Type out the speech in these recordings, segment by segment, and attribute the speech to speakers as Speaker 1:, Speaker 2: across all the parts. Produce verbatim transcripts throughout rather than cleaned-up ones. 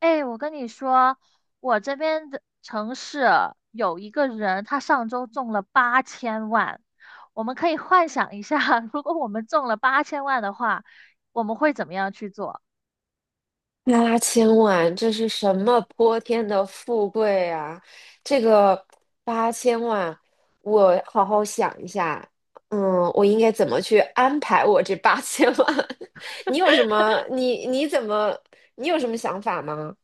Speaker 1: 哎，我跟你说，我这边的城市有一个人，他上周中了八千万。我们可以幻想一下，如果我们中了八千万的话，我们会怎么样去做？
Speaker 2: 八千万，这是什么泼天的富贵啊！这个八千万，我好好想一下，嗯，我应该怎么去安排我这八千万？你有什么？你你怎么？你有什么想法吗？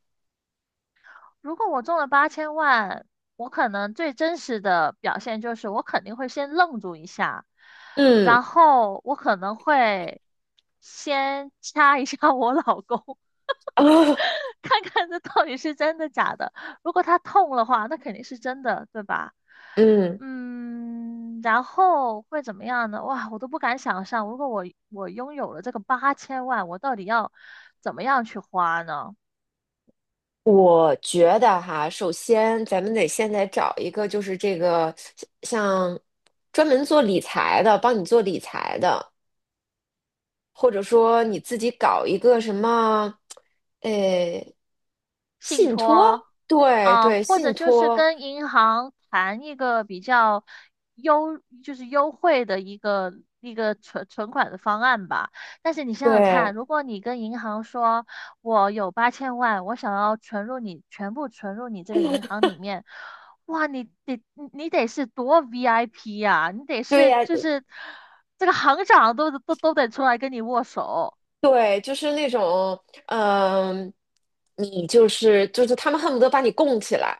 Speaker 1: 如果我中了八千万，我可能最真实的表现就是我肯定会先愣住一下，
Speaker 2: 嗯。
Speaker 1: 然后我可能会先掐一下 我老公，
Speaker 2: 啊，
Speaker 1: 看看这到底是真的假的。如果他痛的话，那肯定是真的，对吧？
Speaker 2: 嗯，
Speaker 1: 嗯，然后会怎么样呢？哇，我都不敢想象，如果我我拥有了这个八千万，我到底要怎么样去花呢？
Speaker 2: 我觉得哈，首先咱们得现在找一个，就是这个像专门做理财的，帮你做理财的。或者说你自己搞一个什么，呃，
Speaker 1: 信
Speaker 2: 信托，
Speaker 1: 托
Speaker 2: 对
Speaker 1: 啊，
Speaker 2: 对，
Speaker 1: 或
Speaker 2: 信
Speaker 1: 者就是
Speaker 2: 托，
Speaker 1: 跟银行谈一个比较优，就是优惠的一个一个存存款的方案吧。但是你想想
Speaker 2: 对
Speaker 1: 看，如果你跟银行说，我有八千万，我想要存入你全部存入你这个银行里面，哇，你得你你得是多 V I P 呀、你得
Speaker 2: 对
Speaker 1: 是
Speaker 2: 呀，
Speaker 1: 就是这个行长都都都得出来跟你握手。
Speaker 2: 对，就是那种，嗯、你就是就是他们恨不得把你供起来，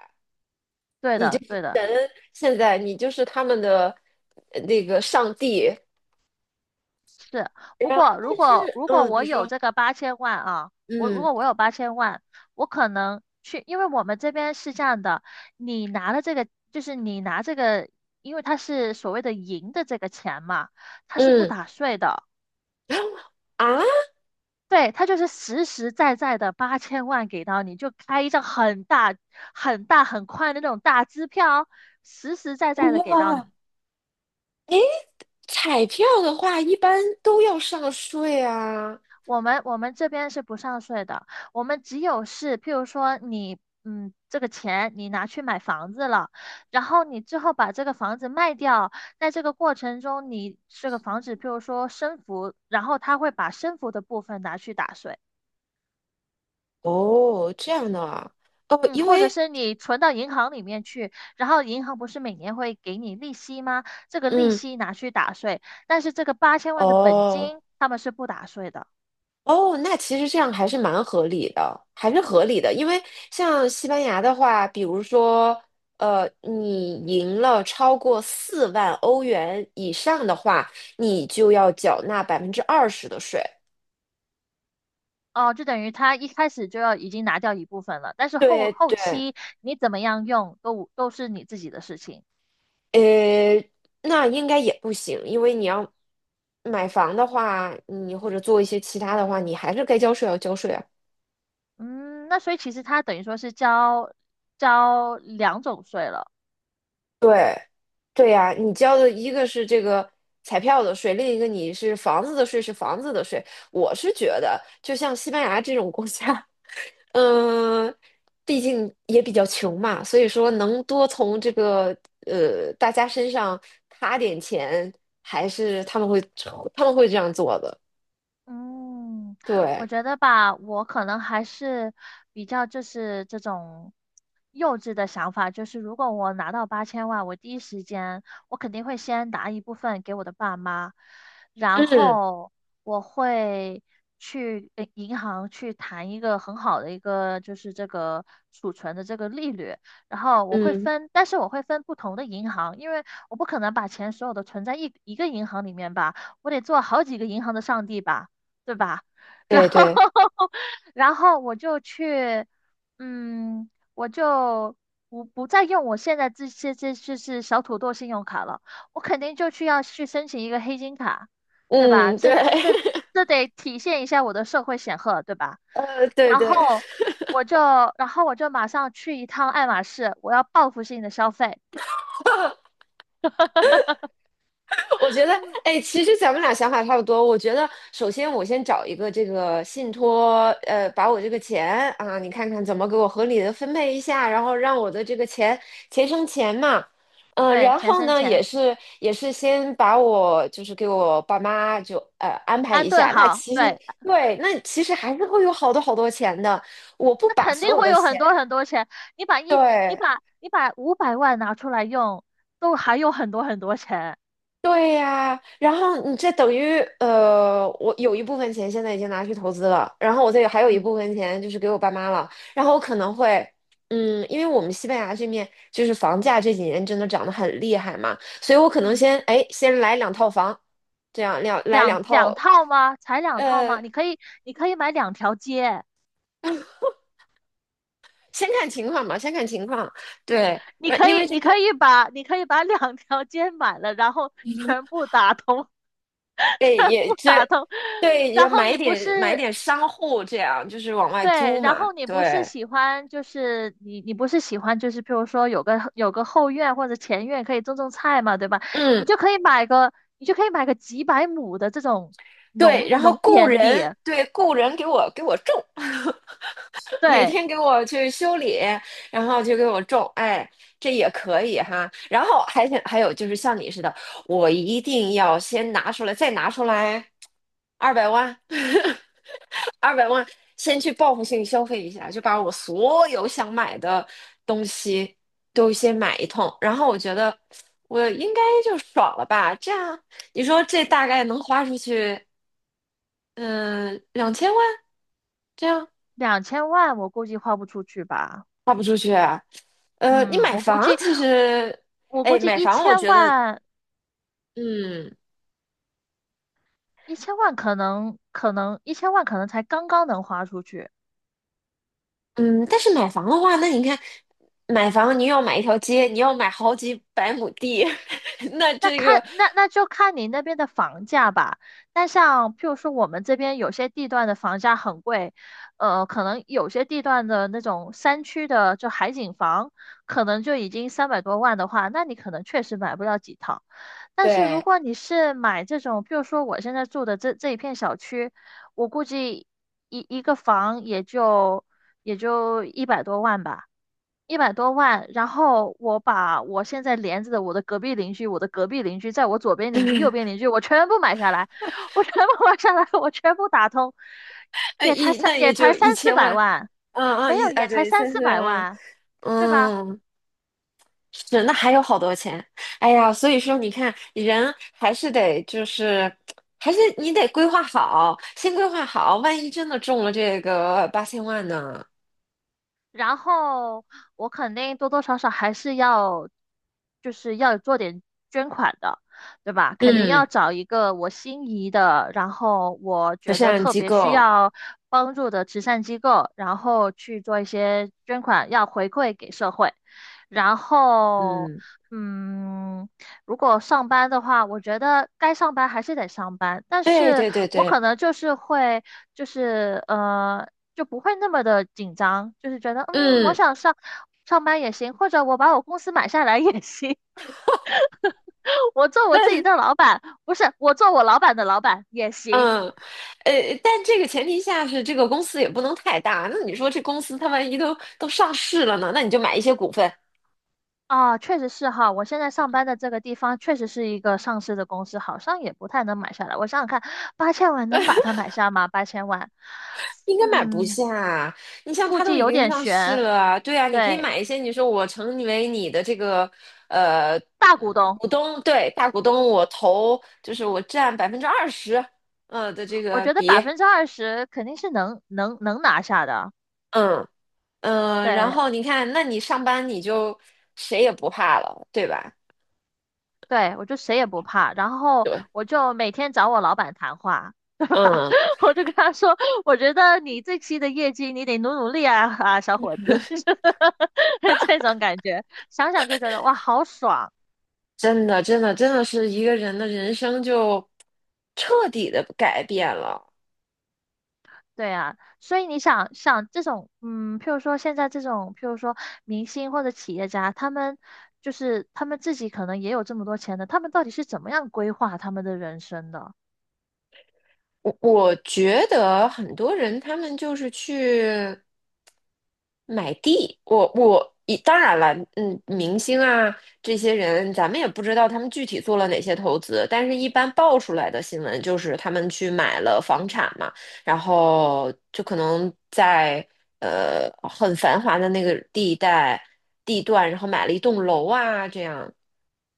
Speaker 1: 对的，对的。
Speaker 2: 现在你就是他们的呃那个上帝，
Speaker 1: 是，不
Speaker 2: 然后
Speaker 1: 过如
Speaker 2: 但
Speaker 1: 果
Speaker 2: 是，
Speaker 1: 如果
Speaker 2: 嗯，你
Speaker 1: 我有
Speaker 2: 说，
Speaker 1: 这个八千万啊，我如
Speaker 2: 嗯
Speaker 1: 果我有八千万，我可能去，因为我们这边是这样的，你拿了这个，就是你拿这个，因为它是所谓的赢的这个钱嘛，它是不
Speaker 2: 嗯，
Speaker 1: 打税的，
Speaker 2: 然后啊，
Speaker 1: 对，它就是实实在在的八千万给到你，就开一张很大、很大、很宽的那种大支票，实实在在的给到
Speaker 2: 哇，
Speaker 1: 你。
Speaker 2: 彩票的话一般都要上税啊。
Speaker 1: 我们我们这边是不上税的，我们只有是，譬如说你，嗯，这个钱你拿去买房子了，然后你之后把这个房子卖掉，在这个过程中，你这个房子譬如说升幅，然后他会把升幅的部分拿去打税，
Speaker 2: 哦，这样的啊，哦，
Speaker 1: 嗯，
Speaker 2: 因
Speaker 1: 或者
Speaker 2: 为，
Speaker 1: 是你存到银行里面去，然后银行不是每年会给你利息吗？这个利
Speaker 2: 嗯，
Speaker 1: 息拿去打税，但是这个八千万的本
Speaker 2: 哦，
Speaker 1: 金他们是不打税的。
Speaker 2: 哦，那其实这样还是蛮合理的，还是合理的，因为像西班牙的话，比如说，呃，你赢了超过四万欧元以上的话，你就要缴纳百分之二十的税。
Speaker 1: 哦，就等于他一开始就要已经拿掉一部分了，但是后
Speaker 2: 对
Speaker 1: 后
Speaker 2: 对，
Speaker 1: 期你怎么样用都都是你自己的事情。
Speaker 2: 呃，那应该也不行，因为你要买房的话，你或者做一些其他的话，你还是该交税要交税啊。
Speaker 1: 嗯，那所以其实他等于说是交交两种税了。
Speaker 2: 对，对呀，你交的一个是这个彩票的税，另一个你是房子的税，是房子的税。我是觉得，就像西班牙这种国家，嗯、毕竟也比较穷嘛，所以说能多从这个呃大家身上卡点钱，还是他们会他们会这样做的。
Speaker 1: 嗯，我
Speaker 2: 对，
Speaker 1: 觉得吧，我可能还是比较就是这种幼稚的想法，就是如果我拿到八千万，我第一时间我肯定会先拿一部分给我的爸妈，然
Speaker 2: 嗯
Speaker 1: 后我会去呃银行去谈一个很好的一个就是这个储存的这个利率，然后我会
Speaker 2: 嗯，
Speaker 1: 分，但是我会分不同的银行，因为我不可能把钱所有的存在一一个银行里面吧，我得做好几个银行的上帝吧。对吧？然
Speaker 2: 对
Speaker 1: 后，
Speaker 2: 对，
Speaker 1: 然后我就去，嗯，我就不不再用我现在这些这就是小土豆信用卡了，我肯定就去要去申请一个黑金卡，对吧？
Speaker 2: 嗯对，
Speaker 1: 这这 这得体现一下我的社会显赫，对吧？
Speaker 2: 呃对
Speaker 1: 然后
Speaker 2: 对。
Speaker 1: 我就，然后我就马上去一趟爱马仕，我要报复性的消费，
Speaker 2: 我觉得，哎，其实咱们俩想法差不多。我觉得，首先我先找一个这个信托，呃，把我这个钱啊，你看看怎么给我合理的分配一下，然后让我的这个钱钱生钱嘛。嗯、
Speaker 1: 对，
Speaker 2: 然
Speaker 1: 钱
Speaker 2: 后
Speaker 1: 生
Speaker 2: 呢，也
Speaker 1: 钱，
Speaker 2: 是也是先把我就是给我爸妈就呃安排
Speaker 1: 安
Speaker 2: 一
Speaker 1: 顿
Speaker 2: 下。那
Speaker 1: 好，
Speaker 2: 其实
Speaker 1: 对。
Speaker 2: 对，那其实还是会有好多好多钱的。我不
Speaker 1: 那
Speaker 2: 把
Speaker 1: 肯
Speaker 2: 所
Speaker 1: 定
Speaker 2: 有
Speaker 1: 会
Speaker 2: 的
Speaker 1: 有
Speaker 2: 钱，
Speaker 1: 很多很多钱。你把一，你
Speaker 2: 对。
Speaker 1: 把你把五百万拿出来用，都还有很多很多钱。
Speaker 2: 对呀，然后你这等于呃，我有一部分钱现在已经拿去投资了，然后我这还有一
Speaker 1: 嗯，
Speaker 2: 部分钱就是给我爸妈了，然后我可能会，嗯，因为我们西班牙这面就是房价这几年真的涨得很厉害嘛，所以我可能
Speaker 1: 嗯，
Speaker 2: 先哎先来两套房，这样两来
Speaker 1: 两
Speaker 2: 两套，
Speaker 1: 两套吗？才两套
Speaker 2: 呃，
Speaker 1: 吗？你可以，你可以买两条街，
Speaker 2: 先看情况吧，先看情况，对，
Speaker 1: 你
Speaker 2: 呃
Speaker 1: 可
Speaker 2: 因为
Speaker 1: 以，
Speaker 2: 这
Speaker 1: 你可
Speaker 2: 边
Speaker 1: 以把，你可以把两条街买了，然后全部打通，
Speaker 2: 哎
Speaker 1: 全
Speaker 2: 也
Speaker 1: 部
Speaker 2: 这
Speaker 1: 打通。
Speaker 2: 对也
Speaker 1: 然后
Speaker 2: 买一
Speaker 1: 你不
Speaker 2: 点买一
Speaker 1: 是，
Speaker 2: 点商户这样，就是往外
Speaker 1: 对，
Speaker 2: 租
Speaker 1: 然
Speaker 2: 嘛，
Speaker 1: 后你不是
Speaker 2: 对。
Speaker 1: 喜欢，就是你你不是喜欢，就是譬如说有个有个后院或者前院可以种种菜嘛，对吧？你
Speaker 2: 嗯。
Speaker 1: 就可以买个，你就可以买个几百亩的这种
Speaker 2: 对，
Speaker 1: 农
Speaker 2: 然后
Speaker 1: 农
Speaker 2: 雇
Speaker 1: 田地，
Speaker 2: 人，对，雇人给我给我种，每
Speaker 1: 对，
Speaker 2: 天给我去修理，然后就给我种，哎，这也可以哈。然后还想还有就是像你似的，我一定要先拿出来，再拿出来二百万，二百万，先去报复性消费一下，就把我所有想买的东西都先买一通，然后我觉得我应该就爽了吧，这样你说这大概能花出去嗯，两千万这样
Speaker 1: 两千万我估计花不出去吧，
Speaker 2: 花不出去啊。呃，你
Speaker 1: 嗯，
Speaker 2: 买
Speaker 1: 我估
Speaker 2: 房
Speaker 1: 计
Speaker 2: 其实，
Speaker 1: 我估
Speaker 2: 哎，
Speaker 1: 计
Speaker 2: 买
Speaker 1: 一
Speaker 2: 房我
Speaker 1: 千
Speaker 2: 觉得，
Speaker 1: 万
Speaker 2: 嗯
Speaker 1: 一千万可能可能一千万可能才刚刚能花出去。
Speaker 2: 嗯，但是买房的话，那你看，买房你要买一条街，你要买好几百亩地，那
Speaker 1: 那
Speaker 2: 这个
Speaker 1: 看那那就看你那边的房价吧。那像譬如说我们这边有些地段的房价很贵，呃，可能有些地段的那种山区的就海景房，可能就已经三百多万的话，那你可能确实买不了几套。但是如
Speaker 2: 对，
Speaker 1: 果你是买这种，譬如说我现在住的这这一片小区，我估计一一个房也就也就一百多万吧。一百多万，然后我把我现在连着的我的隔壁邻居、我的隔壁邻居、在我左边邻 居、右边邻居，我全部买下来，我全部买下来，我全部打通，
Speaker 2: 那
Speaker 1: 也才
Speaker 2: 一
Speaker 1: 三
Speaker 2: 那也
Speaker 1: 也才
Speaker 2: 就一
Speaker 1: 三四
Speaker 2: 千
Speaker 1: 百
Speaker 2: 万，
Speaker 1: 万，
Speaker 2: 嗯
Speaker 1: 没
Speaker 2: 嗯一
Speaker 1: 有
Speaker 2: 啊
Speaker 1: 也才
Speaker 2: 对，
Speaker 1: 三
Speaker 2: 三
Speaker 1: 四
Speaker 2: 四百
Speaker 1: 百
Speaker 2: 万啊，
Speaker 1: 万，对吧？
Speaker 2: 嗯，是，那还有好多钱。哎呀，所以说你看，人还是得就是，还是你得规划好，先规划好，万一真的中了这个八千万呢？
Speaker 1: 然后我肯定多多少少还是要，就是要做点捐款的，对吧？肯定要
Speaker 2: 嗯，
Speaker 1: 找一个我心仪的，然后我
Speaker 2: 慈
Speaker 1: 觉得
Speaker 2: 善
Speaker 1: 特
Speaker 2: 机
Speaker 1: 别需
Speaker 2: 构，
Speaker 1: 要帮助的慈善机构，然后去做一些捐款，要回馈给社会。然后，
Speaker 2: 嗯，
Speaker 1: 嗯，如果上班的话，我觉得该上班还是得上班，但
Speaker 2: 对
Speaker 1: 是
Speaker 2: 对对
Speaker 1: 我
Speaker 2: 对，
Speaker 1: 可能就是会，就是呃，就不会那么的紧张，就是觉得嗯，我
Speaker 2: 嗯，
Speaker 1: 想上上班也行，或者我把我公司买下来也行，我做我自己
Speaker 2: 那
Speaker 1: 的老板，不是我做我老板的老板也行
Speaker 2: 嗯，呃，但这个前提下是这个公司也不能太大。那你说这公司它万一都都上市了呢？那你就买一些股份，
Speaker 1: 啊，确实是哈，我现在上班的这个地方确实是一个上市的公司，好像也不太能买下来。我想想看，八千万能把它买下吗？八千万，
Speaker 2: 应该买不
Speaker 1: 嗯，
Speaker 2: 下。你像
Speaker 1: 估
Speaker 2: 它都
Speaker 1: 计
Speaker 2: 已
Speaker 1: 有
Speaker 2: 经
Speaker 1: 点
Speaker 2: 上市
Speaker 1: 悬。
Speaker 2: 了，对啊，你可以
Speaker 1: 对，
Speaker 2: 买一些。你说我成为你的这个呃
Speaker 1: 大股
Speaker 2: 嗯
Speaker 1: 东，
Speaker 2: 股东，对，大股东，我投就是我占百分之二十，呃的这
Speaker 1: 我
Speaker 2: 个
Speaker 1: 觉得
Speaker 2: 比，
Speaker 1: 百分之二十肯定是能能能拿下的。
Speaker 2: 嗯嗯、呃然
Speaker 1: 对，
Speaker 2: 后你看，那你上班你就谁也不怕了，对吧？
Speaker 1: 对，我就谁也不怕，然后
Speaker 2: 对，
Speaker 1: 我就每天找我老板谈话，对吧？
Speaker 2: 嗯，
Speaker 1: 我就跟他说，我觉得你这期的业绩你得努努力啊 啊，小伙子，这种感觉，想想就觉得哇，好爽。
Speaker 2: 真的真的真的是一个人的人生就彻底的改变了。
Speaker 1: 对啊，所以你想想这种，嗯，譬如说现在这种，譬如说明星或者企业家，他们就是他们自己可能也有这么多钱的，他们到底是怎么样规划他们的人生的？
Speaker 2: 我我觉得很多人他们就是去。买地，我我一当然了，嗯，明星啊这些人，咱们也不知道他们具体做了哪些投资，但是一般爆出来的新闻就是他们去买了房产嘛，然后就可能在呃很繁华的那个地带地段，然后买了一栋楼啊这样，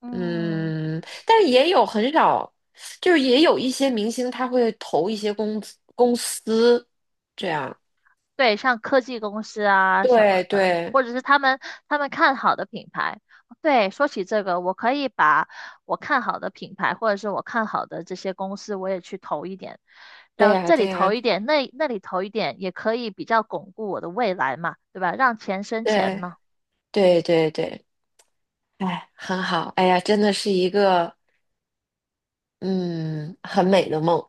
Speaker 1: 嗯。
Speaker 2: 嗯，但是也有很少，就是也有一些明星他会投一些公司公司这样，
Speaker 1: 对，像科技公司啊什
Speaker 2: 对
Speaker 1: 么的，
Speaker 2: 对。
Speaker 1: 或者是他们他们看好的品牌。对，说起这个，我可以把我看好的品牌，或者是我看好的这些公司，我也去投一点，然
Speaker 2: 对
Speaker 1: 后
Speaker 2: 呀，
Speaker 1: 这
Speaker 2: 对
Speaker 1: 里投
Speaker 2: 呀，
Speaker 1: 一点，那那里投一点，也可以比较巩固我的未来嘛，对吧？让钱生钱嘛。
Speaker 2: 对对对对，哎，很好，哎呀，真的是一个嗯很美的梦，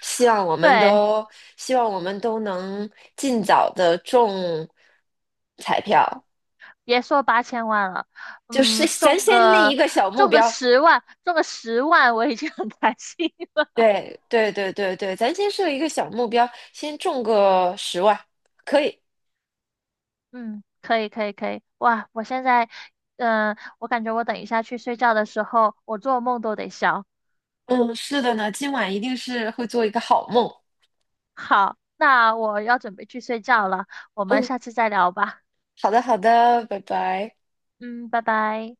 Speaker 2: 希望我们
Speaker 1: 对，
Speaker 2: 都希望我们都能尽早的中彩票，
Speaker 1: 别说八千万了，
Speaker 2: 就是
Speaker 1: 嗯，
Speaker 2: 咱
Speaker 1: 中
Speaker 2: 先立一
Speaker 1: 个
Speaker 2: 个小目
Speaker 1: 中个
Speaker 2: 标，
Speaker 1: 十万，中个十万，我已经很开心
Speaker 2: 对对对对对，咱先设一个小目标，先中个十万，可以，
Speaker 1: 嗯，可以可以可以，哇！我现在，嗯、我感觉我等一下去睡觉的时候，我做梦都得笑。
Speaker 2: 嗯，是的呢，今晚一定是会做一个好梦，
Speaker 1: 好，那我要准备去睡觉了，我们
Speaker 2: 嗯，
Speaker 1: 下次再聊吧。
Speaker 2: 好的好的，拜拜。
Speaker 1: 嗯，拜拜。